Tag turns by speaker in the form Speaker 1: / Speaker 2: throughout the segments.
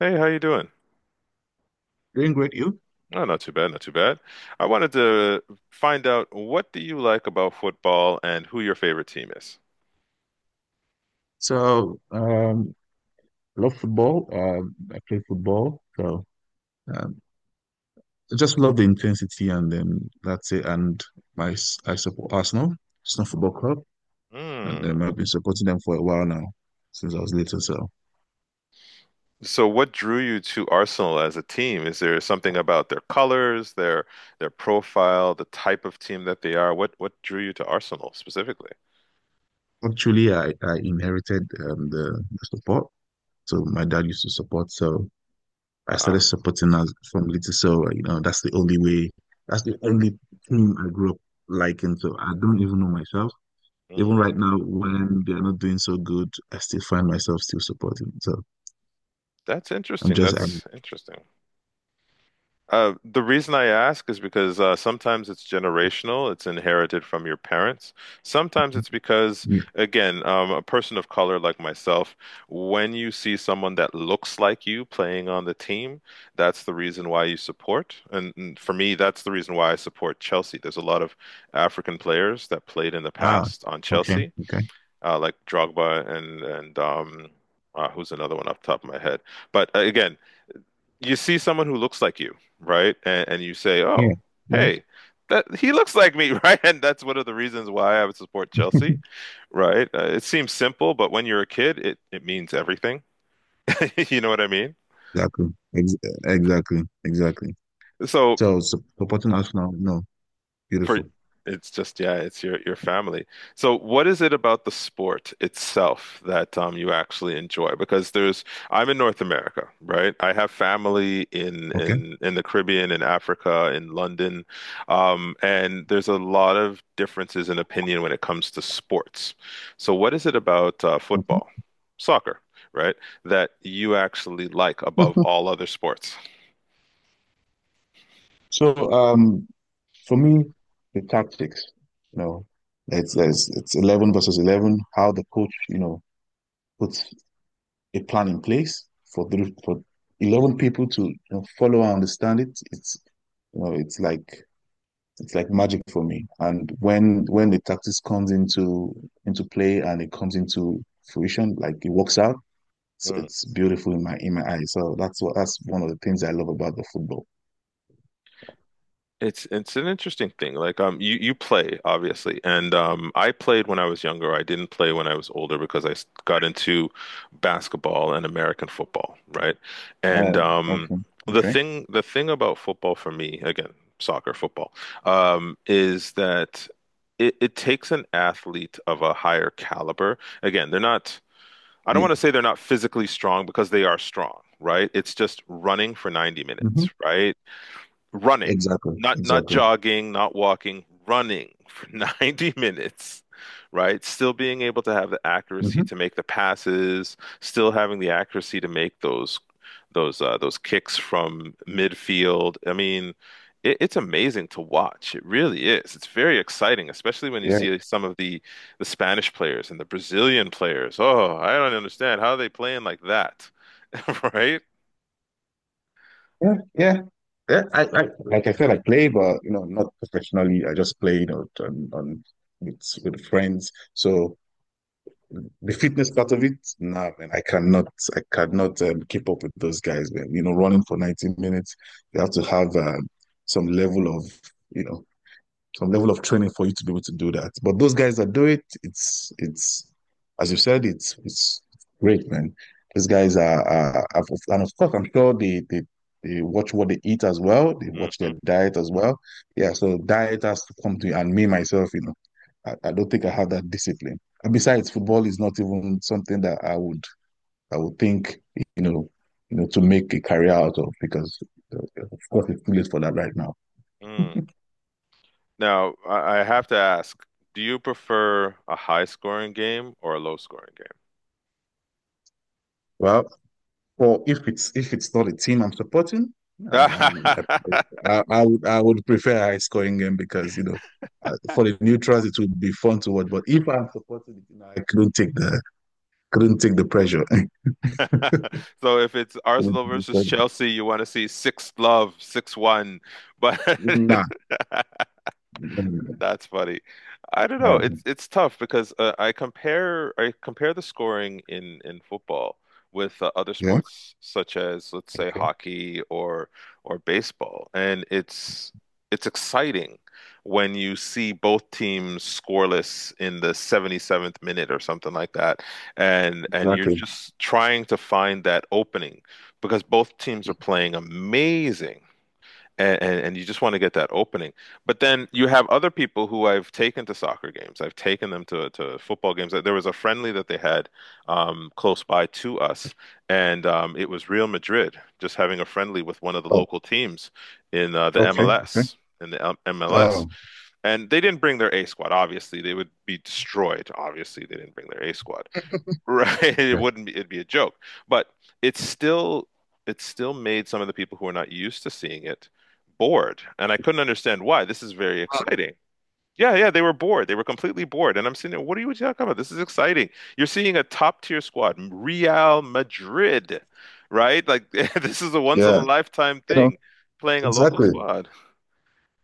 Speaker 1: Hey, how you doing?
Speaker 2: Doing great, you.
Speaker 1: Oh, not too bad, not too bad. I wanted to find out what do you like about football and who your favorite team is?
Speaker 2: So, um, Love football. I play football, so um, I just love the intensity, and then that's it. And my I support Arsenal, Arsenal Football Club, and
Speaker 1: Hmm.
Speaker 2: then I've been supporting them for a while now, since I was little. So,
Speaker 1: So what drew you to Arsenal as a team? Is there something about their colors, their profile, the type of team that they are? What drew you to Arsenal specifically?
Speaker 2: actually, I inherited the support. So my dad used to support, so I started
Speaker 1: Um,
Speaker 2: supporting us from little. So that's the only way. That's the only team I grew up liking. So I don't even know myself. Even
Speaker 1: hmm.
Speaker 2: right now, when they're not doing so good, I still find myself still supporting. So
Speaker 1: That's
Speaker 2: I'm
Speaker 1: interesting.
Speaker 2: just, I'm,
Speaker 1: That's interesting. The reason I ask is because sometimes it's generational, it's inherited from your parents. Sometimes it's because,
Speaker 2: yeah.
Speaker 1: again, a person of color like myself, when you see someone that looks like you playing on the team, that's the reason why you support. And for me, that's the reason why I support Chelsea. There's a lot of African players that played in the
Speaker 2: Ah,
Speaker 1: past on
Speaker 2: okay,
Speaker 1: Chelsea,
Speaker 2: okay.
Speaker 1: like Drogba and who's another one off the top of my head. But again, you see someone who looks like you, right? And you say, "Oh,
Speaker 2: Yeah, yeah,
Speaker 1: hey, that he looks like me," right? And that's one of the reasons why I would support Chelsea, right? It seems simple, but when you're a kid, it means everything. You know what I mean?
Speaker 2: exactly. Ex exactly, exactly.
Speaker 1: So,
Speaker 2: So supporting us now, no,
Speaker 1: for
Speaker 2: beautiful.
Speaker 1: it's just yeah, it's your family. So what is it about the sport itself that you actually enjoy? Because there's I'm in North America, right? I have family in
Speaker 2: Okay.
Speaker 1: the Caribbean, in Africa, in London, and there's a lot of differences in opinion when it comes to sports. So what is it about
Speaker 2: Mhm.
Speaker 1: football, soccer, right, that you actually like above all other sports?
Speaker 2: So, um, for me, the tactics, you know, it's 11 versus 11, how the coach, you know, puts a plan in place for 11 people to follow and understand it's you know it's like it's like magic for me. And when the tactics comes into play and it comes into fruition, like it works out, it's beautiful in my eyes. So that's what that's one of the things I love about the football.
Speaker 1: It's an interesting thing. Like you you play obviously, and I played when I was younger. I didn't play when I was older because got into basketball and American football, right? And
Speaker 2: Oh, okay.
Speaker 1: the
Speaker 2: Okay.
Speaker 1: thing the thing about football for me, again, soccer, football, is that it takes an athlete of a higher caliber. Again, they're not I don't
Speaker 2: Yeah.
Speaker 1: want to say they're not physically strong because they are strong, right? It's just running for 90
Speaker 2: Mhm.
Speaker 1: minutes, right? Running,
Speaker 2: Exactly,
Speaker 1: not
Speaker 2: exactly.
Speaker 1: jogging, not walking, running for 90 minutes, right? Still being able to have the accuracy
Speaker 2: Hmm.
Speaker 1: to make the passes, still having the accuracy to make those those kicks from midfield. I mean, it's amazing to watch. It really is. It's very exciting, especially when you
Speaker 2: Yeah.
Speaker 1: see some of the Spanish players and the Brazilian players. Oh, I don't understand how are they playing like that, right?
Speaker 2: Yeah, yeah, yeah. I like I said, I play, but you know, not professionally. I just play, you know, on with friends. So the fitness part of it, nah, man, I cannot keep up with those guys, man. You know, running for 90 minutes, you have to have some level of, you know, some level of training for you to be able to do that. But those guys that do it, it's as you said, it's great, man. These guys are And of course, I'm sure they they watch what they eat as well. They watch their
Speaker 1: Hmm.
Speaker 2: diet as well. Yeah, so diet has to come to you. And me myself, you know, I don't think I have that discipline. And besides, football is not even something that I would think, you know, to make a career out of because of course it's too late for that right now.
Speaker 1: Mm. Now, I have to ask, do you prefer a high scoring game or a low scoring
Speaker 2: Well, Well, if it's not a team I'm supporting,
Speaker 1: game?
Speaker 2: um, I would prefer a high scoring game because you know for the neutrals it would be fun to watch. But if I'm supporting it, you know, I couldn't take the pressure.
Speaker 1: So if it's
Speaker 2: Couldn't
Speaker 1: Arsenal
Speaker 2: take the
Speaker 1: versus
Speaker 2: pressure.
Speaker 1: Chelsea, you want to see six love, 6-1. But
Speaker 2: Nah. Nah.
Speaker 1: that's funny. I don't know.
Speaker 2: Um,
Speaker 1: It's tough because I compare the scoring in football with other
Speaker 2: yeah.
Speaker 1: sports such as, let's say,
Speaker 2: Okay.
Speaker 1: hockey or baseball, and it's exciting when you see both teams scoreless in the 77th minute or something like that, and you're
Speaker 2: Exactly.
Speaker 1: just trying to find that opening because both teams are playing amazing, and you just want to get that opening. But then you have other people who I've taken to soccer games. I've taken them to football games. There was a friendly that they had close by to us, and it was Real Madrid just having a friendly with one of the
Speaker 2: Oh.
Speaker 1: local teams in the
Speaker 2: Okay. Okay.
Speaker 1: MLS. MLS,
Speaker 2: Oh.
Speaker 1: and they didn't bring their A squad. Obviously, they would be destroyed. Obviously, they didn't bring their A squad. Right. It
Speaker 2: Yeah.
Speaker 1: wouldn't be, it'd be a joke. But it's still it still made some of the people who are not used to seeing it bored. And I couldn't understand why. This is very exciting. Yeah, yeah, they were bored. They were completely bored. And I'm sitting there, what are you talking about? This is exciting. You're seeing a top tier squad, Real Madrid, right? Like this is a once in
Speaker 2: Yeah.
Speaker 1: a lifetime
Speaker 2: You know.
Speaker 1: thing, playing a local
Speaker 2: Exactly.
Speaker 1: squad.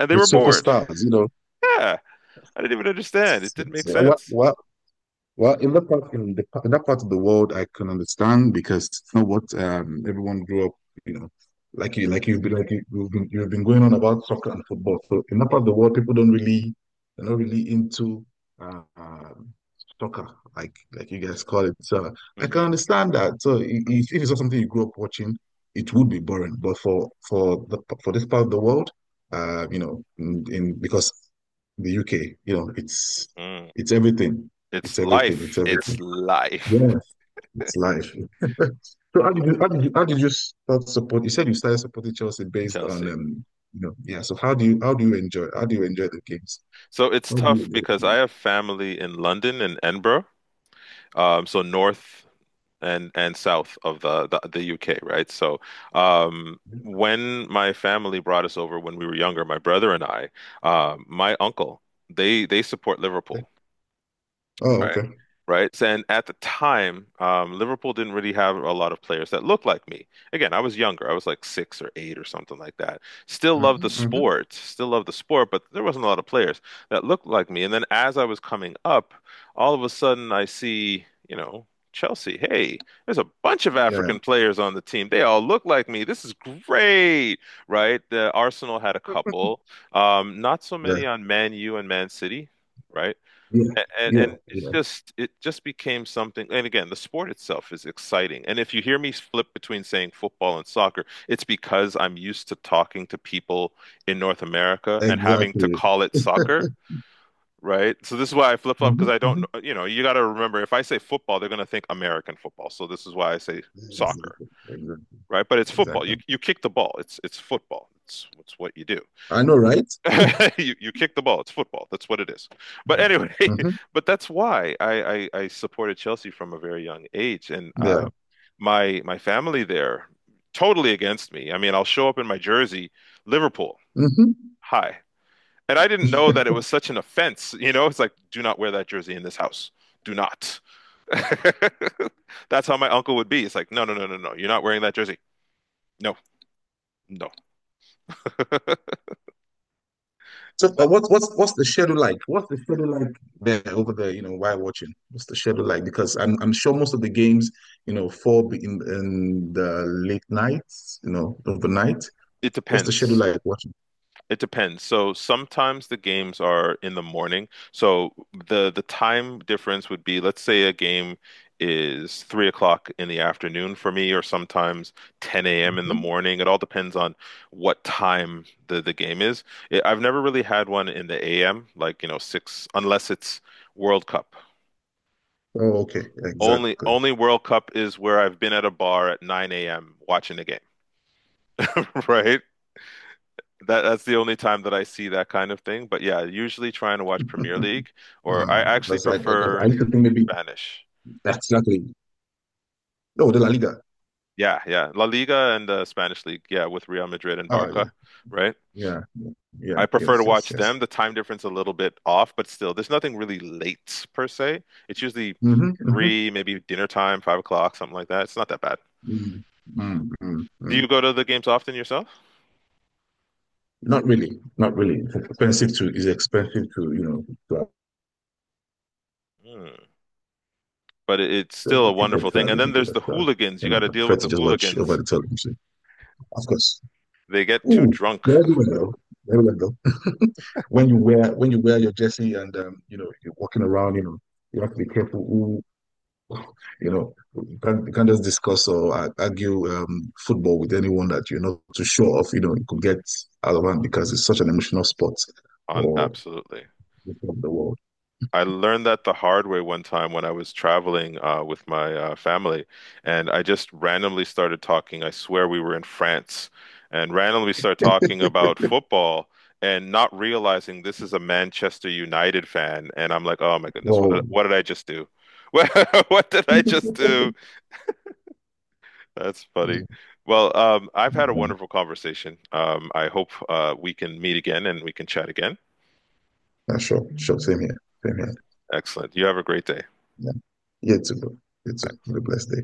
Speaker 1: And they
Speaker 2: With
Speaker 1: were bored.
Speaker 2: superstars, you know.
Speaker 1: Yeah. I didn't even understand. It didn't make sense.
Speaker 2: What Well, in in that part of the world, I can understand because it's not what everyone grew up, you know, like you've been going on about soccer and football. So in that part of the world, people don't really, they're not really into. Uh, Soccer, like you guys call it. So I can
Speaker 1: Mm-hmm.
Speaker 2: understand that. So if it's not something you grew up watching, it would be boring. But for this part of the world, you know, in because the UK, you know,
Speaker 1: Mm.
Speaker 2: it's everything. It's
Speaker 1: It's
Speaker 2: everything.
Speaker 1: life.
Speaker 2: It's everything.
Speaker 1: It's life.
Speaker 2: Yes, it's life. So how did you start support? You said you started supporting Chelsea based on
Speaker 1: Chelsea.
Speaker 2: yeah. So how do you enjoy the games?
Speaker 1: So it's
Speaker 2: How do you
Speaker 1: tough
Speaker 2: enjoy
Speaker 1: because I
Speaker 2: the
Speaker 1: have family in London and Edinburgh, so north and south of the UK, right? So
Speaker 2: games?
Speaker 1: when my family brought us over when we were younger, my brother and I, my uncle, they support Liverpool.
Speaker 2: Oh,
Speaker 1: Right.
Speaker 2: okay.
Speaker 1: Right. So, and at the time, Liverpool didn't really have a lot of players that looked like me. Again, I was younger. I was like six or eight or something like that. Still loved the
Speaker 2: Hmm. hmm
Speaker 1: sport, still loved the sport, but there wasn't a lot of players that looked like me. And then as I was coming up, all of a sudden I see, you know, Chelsea. Hey, there's a bunch of
Speaker 2: Yeah.
Speaker 1: African players on the team. They all look like me. This is great, right? The Arsenal had a couple. Not so
Speaker 2: Yeah,
Speaker 1: many on Man U and Man City. Right.
Speaker 2: Yeah,
Speaker 1: A- And,
Speaker 2: yeah,
Speaker 1: and it's
Speaker 2: yeah.
Speaker 1: just it just became something. And again, the sport itself is exciting. And if you hear me flip between saying football and soccer, it's because I'm used to talking to people in North America and having to
Speaker 2: Exactly.
Speaker 1: call it soccer, right? So this is why I flip
Speaker 2: hmm
Speaker 1: flop because I don't,
Speaker 2: hmm.
Speaker 1: you know, you got to remember if I say football, they're going to think American football. So this is why I say
Speaker 2: Exactly.
Speaker 1: soccer,
Speaker 2: Exactly.
Speaker 1: right? But it's football.
Speaker 2: Exactly.
Speaker 1: You kick the ball. It's football. It's what you do.
Speaker 2: I know, right?
Speaker 1: You kick the ball. It's football. That's what it is. But anyway,
Speaker 2: Hmm.
Speaker 1: but that's why I supported Chelsea from a very young age, and
Speaker 2: Yeah.
Speaker 1: my family there totally against me. I mean, I'll show up in my jersey, Liverpool.
Speaker 2: Hmm.
Speaker 1: Hi. And I didn't know that it was such an offense. You know, it's like, do not wear that jersey in this house. Do not. That's how my uncle would be. It's like, no, no, no, no, no. You're not wearing that jersey. No, no.
Speaker 2: So, what's the schedule like? What's the schedule like there over there? You know, while watching, what's the schedule like? Because I'm sure most of the games, you know, in the late nights, you know, overnight.
Speaker 1: It
Speaker 2: What's the schedule
Speaker 1: depends.
Speaker 2: like watching?
Speaker 1: It depends. So sometimes the games are in the morning. So the time difference would be, let's say a game is 3 o'clock in the afternoon for me, or sometimes 10 a.m. in the
Speaker 2: Hmm.
Speaker 1: morning. It all depends on what time the game is. I've never really had one in the a.m. like you know six, unless it's World Cup.
Speaker 2: Oh, okay,
Speaker 1: Only
Speaker 2: exactly.
Speaker 1: only World Cup is where I've been at a bar at 9 a.m. watching a game, right? That's the only time that I see that kind of thing. But yeah, usually trying to watch Premier League, or
Speaker 2: Ah,
Speaker 1: I actually
Speaker 2: because 'cause I
Speaker 1: prefer
Speaker 2: used to think maybe
Speaker 1: Spanish.
Speaker 2: that's exactly. Oh, the La Liga.
Speaker 1: Yeah, yeah, La Liga and the Spanish League. Yeah, with Real Madrid and
Speaker 2: Ah, yeah,
Speaker 1: Barca, right?
Speaker 2: yeah, yeah, yeah,
Speaker 1: I prefer to
Speaker 2: yes, yes,
Speaker 1: watch them.
Speaker 2: yes.
Speaker 1: The time difference a little bit off, but still, there's nothing really late per se. It's usually
Speaker 2: Mm-hmm, mm-hmm,
Speaker 1: three, maybe dinner time, 5 o'clock, something like that. It's not that bad.
Speaker 2: mm, mm, mm,
Speaker 1: Do
Speaker 2: mm.
Speaker 1: you go to the games often yourself?
Speaker 2: Not really, not really. It's expensive to, you know, to have,
Speaker 1: Hmm. But it's still a
Speaker 2: the
Speaker 1: wonderful
Speaker 2: tickets
Speaker 1: thing.
Speaker 2: are
Speaker 1: And then there's
Speaker 2: ridiculous.
Speaker 1: the hooligans.
Speaker 2: You
Speaker 1: You
Speaker 2: know,
Speaker 1: got to
Speaker 2: I
Speaker 1: deal
Speaker 2: prefer
Speaker 1: with the
Speaker 2: to just watch over
Speaker 1: hooligans.
Speaker 2: the television. Of course.
Speaker 1: They get too
Speaker 2: Ooh,
Speaker 1: drunk
Speaker 2: they're everywhere though. They're everywhere though. When you wear your jersey and you know, you're walking around, you know, you have to be careful. You know, you can't just discuss or argue football with anyone that you're not too sure of. You know, you could get out of hand because it's such an emotional sport
Speaker 1: on
Speaker 2: for
Speaker 1: absolutely.
Speaker 2: the world.
Speaker 1: I learned that the hard way one time when I was traveling with my family, and I just randomly started talking. I swear we were in France, and randomly started talking about football, and not realizing this is a Manchester United fan. And I'm like, oh my goodness,
Speaker 2: Well,
Speaker 1: what did I just do? What what did I just do? That's funny. Well, I've had a wonderful conversation. I hope we can meet again and we can chat again.
Speaker 2: yeah, sure, sure, same here, same here.
Speaker 1: Excellent. You have a great day.
Speaker 2: Yeah, you too, bro. You too. Have a blessed day.